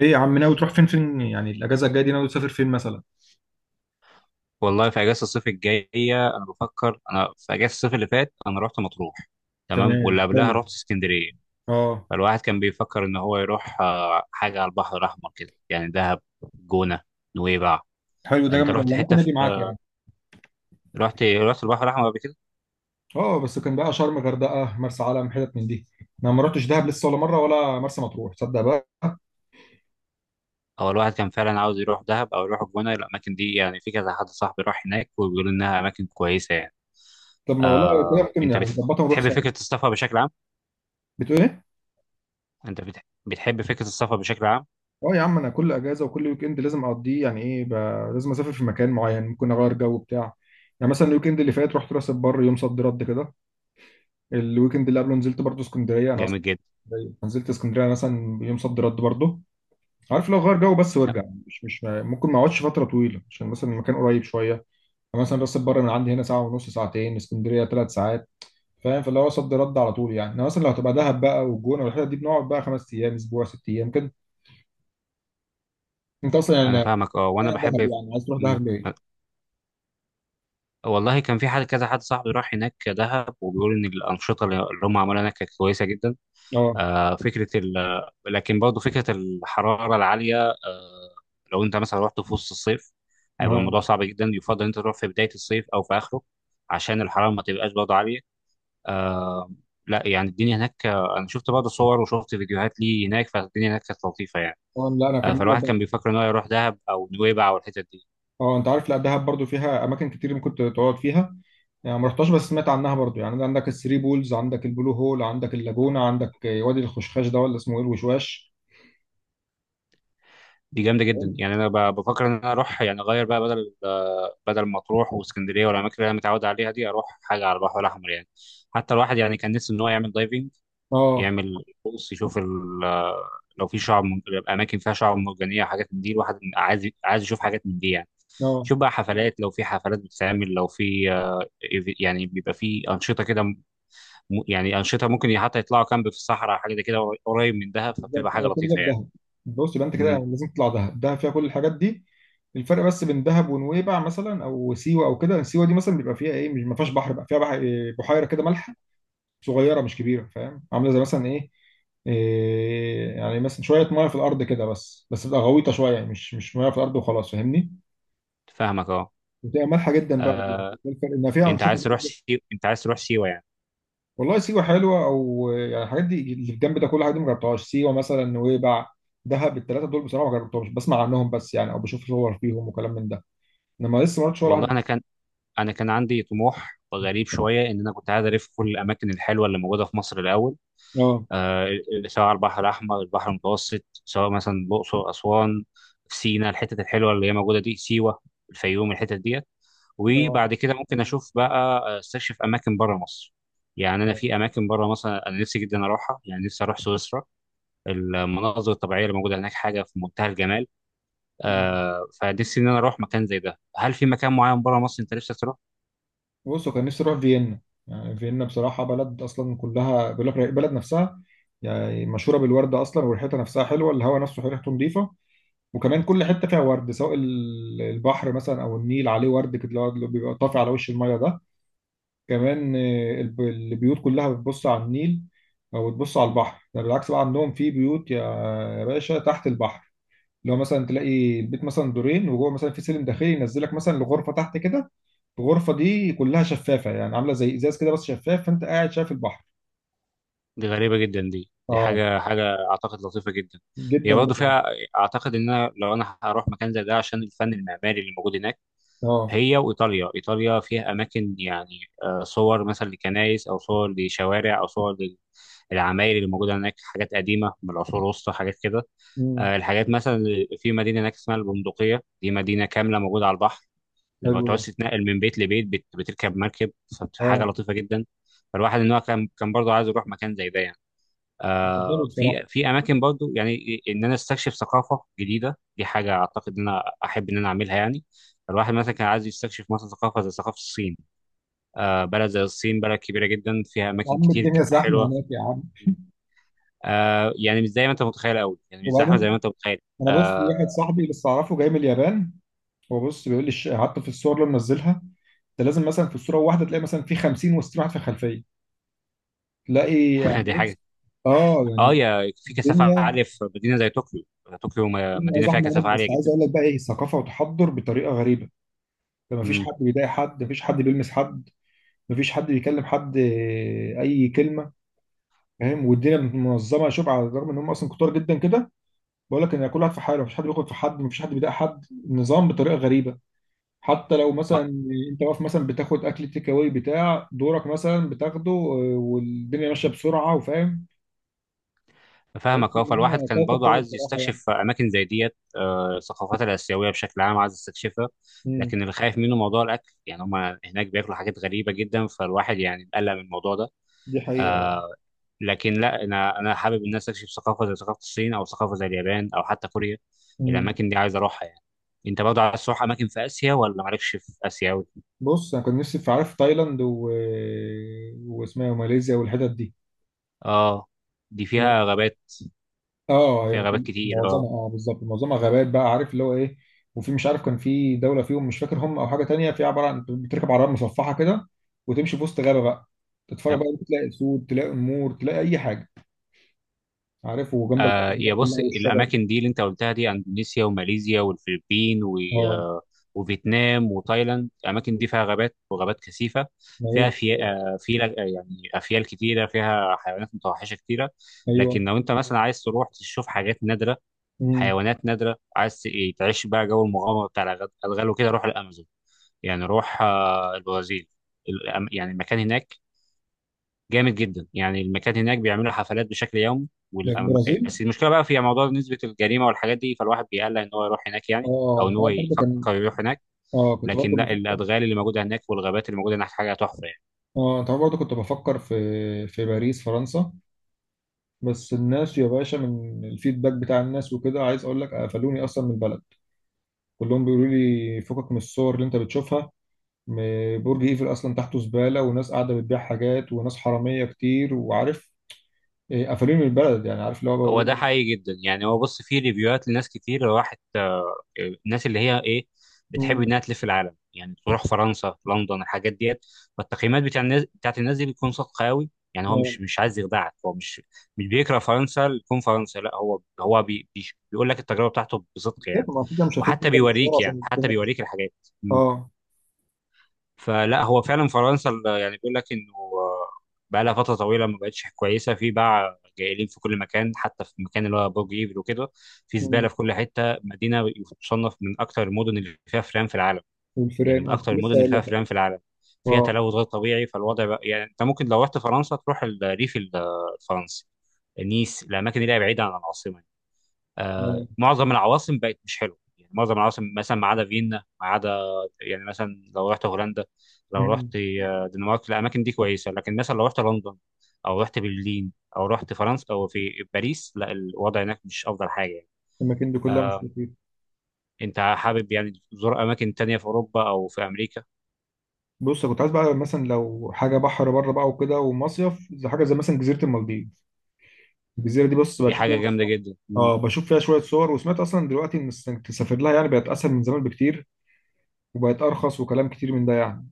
ايه يا عم ناوي تروح فين يعني الاجازه الجايه دي ناوي تسافر فين مثلا. والله في اجازه الصيف الجايه. انا بفكر، انا في اجازه الصيف اللي فات انا رحت مطروح. تمام، واللي تمام قبلها حلو. رحت اسكندريه. اه. فالواحد كان بيفكر ان هو يروح حاجه على البحر الاحمر كده يعني دهب، جونه، نويبع. حلو ده انت جامد رحت والله، حته ممكن في، اجي معاك يعني. رحت البحر الاحمر قبل كده؟ اه بس كان بقى شرم، غردقه، مرسى علم، حتت من دي. انا ما رحتش دهب لسه ولا مره، ولا مرسى مطروح، تصدق بقى. او الواحد كان فعلا عاوز يروح دهب او يروح الجونه، الاماكن دي يعني. كذا حد صاحبي بيقول لي يعني. آه، بطل ونروح فكره السفر بشكل عام، فين؟ انت بتحب فكره السفر بشكل كل كل ويك اند مقضي يعني، ايه مكان معين. أنا مثلا رحت راس البر يوم صد رد كده. الويك اند اللي قبله نزلت اسكندريه أصلاً. جامد جدا؟ مثلا يوم صد رد بقى في، لو غير جو بس وارجع، مش مش ما اقعدش فترة طويله، عشان مثلا مكان بره من عندنا، ساعة ونص، ثلاث ساعات، فاهم؟ في الأول رد على طول يعني، مثلا دهب بقى وجوه تقعد بقى خمس أيام، أسبوع، ست أيام كده أصلا. انا فاهمك، اه. وانا بحب، في حد، كذا حد صاحبي راح هناك بيقول ان الانشطه شغلانه كويسه جدا. آه، فكره ال... برضه فكره الحراره العاليه، مثلا رحت في وسط الصيف ما هيبقى الموضوع صعب. يفضل انت تروح في بدايه الصيف او في آخر، الحراره ما تبقاش برضه عاليه. آه لا، يعني الدنيا هناك، انا شفت برضه صور وشفت فيديوهات ليه هناك، فالدنيا هناك كانت لطيفه يعني. لا أنا آه هكمل لك فالواحد كان بقى. بيفكر ان هو يروح دهب او نويبع او الحتت دي. أه أنت عارف، لا دهب برضو فيها أماكن كتير ممكن تقعد فيها يعني. ما رحتهاش بس سمعت عنها برضو، يعني عندك الثري بولز، عندك البلو هول، عندك اللاجونة، عندك وادي الخشخاش، ده ولا اسمه إيه الوشواش. دي جامده جدا يعني، انا بفكر ان انا اروح يعني اغير بقى، بدل بدل مطروح واسكندريه والاماكن اللي انا متعود عليها دي، اروح حاجه على البحر الاحمر يعني. حتى الواحد يعني كان نفسه ان هو يعمل دايفنج، اه. يعمل بص، يشوف لو في اماكن فيها شعب مرجانيه، حاجات من دي. الواحد عايز يشوف حاجات من دي يعني. اه شوف بقى حفلات، لو في حفلات بتتعمل، لو في يعني بيبقى في انشطه كده، يعني انشطه، ممكن حتى يطلعوا كامب في الصحراء حاجه زي كده قريب من دهب، بالظبط، فبتبقى حاجه كل ده لطيفه يعني. بدهب. بص يبقى انت كده امم، لازم تطلع دهب، دهب فيها كل الحاجات دي. الفرق بس بين دهب ونويبع مثلا، او سيوه، او كده، سيوه دي مثلا بيبقى فيها ايه، مش ما فيهاش بحر، بقى فيها بحيره كده مالحه، صغيره مش كبيره، فاهم؟ عامله زي مثلا ايه، إيه يعني، مثلا شويه ميه في الارض كده، بس بتبقى غويطه شويه، يعني مش ميه في الارض وخلاص، فاهمني؟ فاهمك اه. بتبقى مالحه جدا بقى دي. آه، ده الفرق، ان فيها انت عايز انشطه. تروح سيوه، انت عايز تروح سيوه يعني؟ والله سيوة حلوة، أو يعني الحاجات دي اللي في الجنب ده، كل حاجة دي ما جربتهاش، سيوة مثلا، نويبع، دهب، التلاتة دول بصراحة ما جربتهمش، بسمع عنهم بس يعني، أو بشوف صور فيهم وكلام من ده، إنما لسه ما رحتش ولا والله واحدة. انا كان عندي طموح غريب شويه ان انا كنت عايز الف كل الاماكن الحلوه اللي موجوده في مصر الاول. اه. آه، سواء البحر الأحمر، البحر المتوسط، سواء مثلا الأقصر، أسوان، سينا، الحتت الحلوة اللي هي موجودة دي، سيوة، الفيوم، الحتت ديت. اه وبعد كده ممكن أشوف بقى، أستكشف أماكن بره مصر. يعني أنا في أماكن بره مصر أنا نفسي جدا أروحها، يعني نفسي أروح سويسرا، المناظر الطبيعية اللي موجودة هناك حاجة في منتهى الجمال. آه فنفسي إن أنا أروح مكان زي ده. هل في مكان معين بره مصر أنت نفسك تروح؟ بصوا، كان نفسي اروح فيينا. يعني فيينا بصراحه بلد اصلا كلها، بيقول لك البلد نفسها يعني مشهوره بالورد اصلا، وريحتها نفسها حلوه، الهواء نفسه ريحته نظيفه. وكمان كل حته فيها ورد، سواء البحر مثلا او النيل، عليه ورد كده، اللي هو اللي بيبقى طافي على وش الميه ده. كمان البيوت كلها بتبص على النيل، او بتبص على البحر. ده بالعكس بقى، عندهم في بيوت يا يا باشا تحت البحر. لو مثلا تلاقي البيت مثلا دورين، وجوه مثلا في سلم داخلي ينزلك مثلا لغرفه تحت كده، الغرفه دي كلها شفافه، يعني عامله زي ازاز كده بس شفاف، فانت قاعد شايف البحر. دي غريبة جدا، دي اه حاجة أعتقد لطيفة جدا. هي جدا برضه بصراحه. فيها، أعتقد إن أنا لو أنا هروح مكان زي ده عشان الفن المعماري اللي موجود هناك. اه. هي وإيطاليا، إيطاليا فيها أماكن يعني، صور مثلا لكنايس أو صور لشوارع أو صور للعماير اللي موجودة هناك، حاجات قديمة من العصور الوسطى حاجات كده. امم. الحاجات مثلا في مدينة هناك اسمها البندقية، دي مدينة كاملة موجودة على البحر، لما حلو ده. تعوز تتنقل من بيت لبيت بتركب مركب، فحاجة اه. لطيفة جدا. فالواحد إن هو كان برضه عايز يروح مكان زي ده يعني. ده حلو في بصراحه. في اماكن برضو يعني ان انا استكشف ثقافه جديده، دي حاجه اعتقد ان انا احب ان انا اعملها يعني. الواحد مثلا كان عايز يستكشف مثلا ثقافه زي ثقافه الصين. بلد زي الصين، بلد كبيره جدا فيها يا اماكن عم كتير الدنيا زحمه حلوه. هناك يا عم. يعني مش زي ما انت متخيل قوي يعني، مش زحمه زي ما وبعدين انت متخيل. انا بص، في واحد آه، صاحبي لسه اعرفه جاي من اليابان، هو بص بيقول لي حتى في الصور اللي منزلها، ده لازم مثلا في الصوره واحده تلاقي مثلا في 50 و60 واحد في الخلفيه تلاقي، يعني دي بص حاجه. اه اه، يعني يا في كثافه الدنيا. عاليه في مدينه زي طوكيو، طوكيو الدنيا مدينه فيها زحمه هناك، كثافه بس عاليه عايز جدا. اقول لك بقى ايه، ثقافه وتحضر بطريقه غريبه. ده مفيش حد مم. بيضايق حد، مفيش حد بيلمس حد، مفيش حد بيكلم حد اي كلمه، فاهم؟ والدنيا منظمه، شوف على الرغم ان هم اصلا كتار جدا كده، بقول لك ان كل واحد في حاله، مفيش حد بياخد في حد، مفيش حد بيضايق حد، النظام بطريقه غريبه. حتى لو مثلا انت واقف مثلا بتاخد اكل تيك اواي بتاع دورك مثلا بتاخده والدنيا ماشيه بسرعه، وفاهم. تحس فاهمك ان اه. فالواحد هم كان كوكب برضه تاني عايز بصراحه يعني. يستكشف اماكن زي ديت، الثقافات الاسيويه بشكل عام عايز يستكشفها. امم. لكن اللي خايف منه موضوع الاكل، يعني هم هناك بياكلوا حاجات غريبه جدا فالواحد يعني مقلق من الموضوع ده. دي حقيقه. لكن لا، انا حابب ان انا استكشف ثقافه زي ثقافه الصين او ثقافه زي اليابان او حتى كوريا، امم. الاماكن دي عايز اروحها يعني. انت برضه عايز تروح اماكن في اسيا ولا مالكش في اسيا أوي؟ بص انا كنت نفسي في، عارف، تايلاند و واسمها ماليزيا والحتت دي. اه، دي فيها غابات، اه هي فيها غابات بتكون كتير اه. معظمها، اه بالظبط معظمها غابات، بقى عارف اللي هو ايه. وفي مش عارف كان في دوله فيهم مش فاكر هم، او حاجه تانية، في عباره عن بتركب عربيه مصفحه كده، وتمشي في وسط غابه بقى، تتفرج بقى، تلاقي اسود، تلاقي نمور، تلاقي اي حاجه، عارف؟ وجنبك بقى آه يا الحتت كلها بص، والشجر. الاماكن دي اللي انت قلتها دي اندونيسيا وماليزيا والفلبين و اه آه، وفيتنام وتايلاند، الاماكن دي فيها غابات وغابات كثيفه، فيها مليان- في يعني افيال كتيره، فيها حيوانات متوحشه كتيره. ايوه. لكن لو انت مثلا عايز تروح تشوف حاجات نادره، امم. حيوانات نادره، عايز ت- إيه، تعيش بقى جو المغامره بتاع الغال وكده، روح الامازون يعني، روح البرازيل. يعني المكان هناك جامد جدا، يعني المكان هناك بيعملوا حفلات بشكل يومي. ده في والأم... البرازيل. بس المشكله بقى في موضوع نسبه الجريمه والحاجات دي، فالواحد بيقلق ان هو يروح هناك يعني، اه او ان انت هو عارف برضه كان، يفكر يروح هناك. اه كنت لكن برضه لا، بفكر، الادغال اللي موجوده هناك والغابات اللي موجوده هناك حاجه تحفه يعني. اه انت عارف برضه كنت بفكر في، في باريس، فرنسا. بس الناس يا باشا، من الفيدباك بتاع الناس وكده، عايز اقول لك قفلوني اصلا من البلد. كلهم بيقولوا لي فكك من الصور اللي انت بتشوفها. برج ايفل اصلا تحته زباله، وناس قاعده بتبيع حاجات، وناس حراميه كتير، وعارف قفلوني من البلد يعني، عارف اللي هو بقول هو ده لهم. حقيقي جدا يعني. هو بص، فيه ريفيوهات لناس كتير راحت، الناس اللي هي ايه، بتحب مم. انها تلف العالم يعني، تروح فرنسا، لندن، الحاجات ديت. فالتقييمات بتاع الناس، بتاعت الناس دي بتكون صادقه قوي يعني، هو آه. مش عايز يخدعك، هو مش بيكره فرنسا لكون فرنسا، لا هو بيقول لك التجربه بتاعته بصدق يعني. طب ما كده مش هتيجي وحتى انت المشوار بيوريك يعني، عشان. حتى بيوريك الحاجات. اه. فلا، هو فعلا فرنسا يعني بيقول لك انه بقى لها فتره طويله ما بقتش كويسه، في باع جائلين في كل مكان، حتى في المكان اللي هو برج ايفل وكده، في زباله مم. في كل حته. مدينه تصنف من اكثر المدن اللي فيها فئران في العالم، يعني والفيران من اه اكثر كنت المدن لسه اللي اقول فيها لك. فئران في العالم، فيها اه. تلوث غير طبيعي. فالوضع بقى يعني انت ممكن لو رحت فرنسا تروح الريف الفرنسي، نيس، الاماكن اللي هي بعيده عن العاصمه. اه. معظم العواصم بقت مش حلوه يعني، معظم العواصم مثلا ما عدا فيينا ما عدا، يعني مثلا لو رحت هولندا، لو مم. رحت دنمارك، الاماكن دي كويسه. لكن مثلا لو رحت لندن او رحت برلين او رحت فرنسا او في باريس، لا الوضع هناك مش افضل حاجه يعني. الاماكن دي كلها مش آه، لطيفه. انت حابب يعني تزور اماكن تانية في اوروبا او في امريكا؟ بص كنت عايز بقى مثلا لو حاجه بحر بره بقى وكده ومصيف، زي حاجه زي مثلا جزيره المالديف. الجزيره دي بص دي بشوف حاجه جامده جدا. مم. اه بشوف فيها شويه صور، وسمعت اصلا دلوقتي ان إنك تسافر لها يعني بقت اسهل من زمان بكتير، وبقت ارخص وكلام كتير من ده يعني.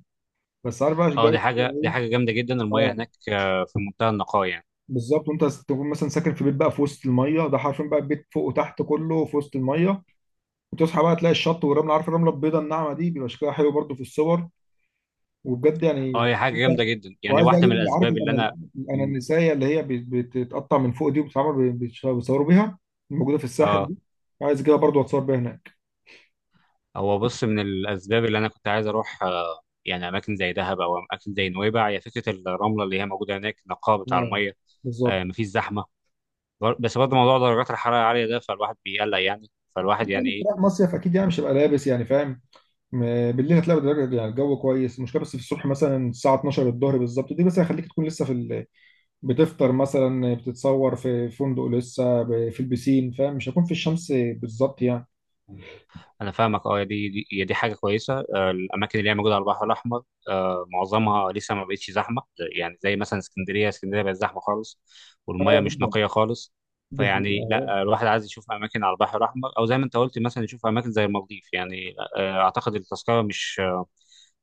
بس عارف بقى الجو. اه، دي حاجه إيه؟ جامده جدا، المياه اه هناك في منتهى النقاء يعني. بالظبط، وانت تكون مثلا ساكن في بيت بقى في وسط الميه ده، حرفيا بقى البيت فوق وتحت كله في وسط الميه، وتصحى بقى تلاقي الشط والرمله، عارف الرمله البيضاء الناعمه دي، بيبقى شكلها حلو برضو في الصور وبجد يعني. اه، هي حاجه جامده جدا يعني، وعايز بقى واحده اجيب من اللي، عارف، الاسباب اللي انا، مم. الانانسيه اللي هي بتتقطع من فوق دي، وبتتعمل بيصوروا بيها، الموجوده في الساحل اه، دي. عايز اجيبها برضو اتصور بيها هناك. هو بص، من الاسباب اللي انا كنت عايز اروح يعني اماكن زي دهب او اماكن زي نويبع، هي فكره الرمله اللي هي موجوده هناك، النقاء بتاع آه، الميه، بالظبط. مفيش زحمه. بس برضه موضوع درجات الحراره العاليه ده فالواحد بيقلق يعني، فالواحد يعني يعني ايه. رايح مصيف اكيد، يعني مش هبقى لابس يعني، فاهم؟ بالليل هتلاقي يعني الجو كويس، المشكله بس في الصبح مثلا الساعه 12 الظهر بالظبط دي، بس هيخليك تكون لسه في ال... بتفطر مثلا بتتصور في فندق لسه في البسين، فاهم؟ مش هكون في الشمس بالظبط يعني. انا فاهمك اه، دي حاجه كويسه. الاماكن اللي هي موجوده على البحر الاحمر، معظمها لسه ما بقتش زحمه. يعني زي مثلا اسكندريه، اسكندريه بقت زحمه خالص، والميه اه مش جدا، نقيه خالص. دي فيعني حقيقة. لا، الواحد عايز يشوف اماكن على البحر الاحمر، او زي ما انت قلت مثلا يشوف اماكن زي المالديف يعني. اعتقد التذكره مش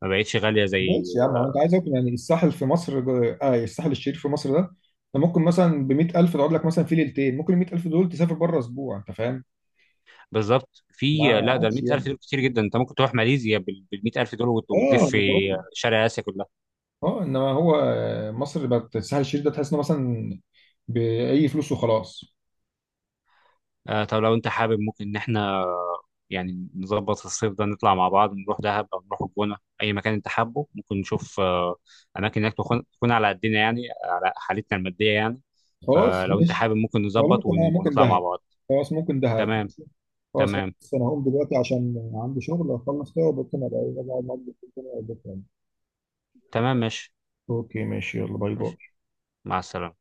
ما بقتش غاليه زي ماشي يا عم، هو انت عايز اكل يعني الساحل في مصر اه الساحل الشرير في مصر ده، انت ممكن مثلا ب 100,000 تقعد لك مثلا في ليلتين، ممكن ال 100,000 دول تسافر بره اسبوع، انت فاهم؟ بالظبط. ما في لا ده ال عادش 100,000 يعني. دول كتير جدا، انت ممكن تروح ماليزيا بال 100,000 دول وتلف اه انا بقول في لك. شرق اسيا كلها. اه انما هو مصر بقت الساحل الشرير ده، تحس انه مثلا باي فلوس وخلاص. طب لو انت حابب ممكن ان احنا يعني نظبط الصيف ده نطلع مع بعض، نروح دهب أو نروح الجونة، أي مكان أنت حابه، ممكن نشوف أماكن هناك تكون على قدنا يعني، على حالتنا المادية يعني. خلاص فلو أنت ماشي. حابب ممكن والله نظبط ممكن، آه ممكن ونطلع مع دهب، بعض. خلاص ممكن دهب تمام. ماشي. خلاص تمام. بس انا هقوم دلوقتي عشان عندي شغل اخلص كده، وبكره ابقى ايه، أبقى اقعد معاك بالليل تاني او بكره يعني. تمام، ماشي. اوكي ماشي، يلا باي باي. ماشي، مع السلامة.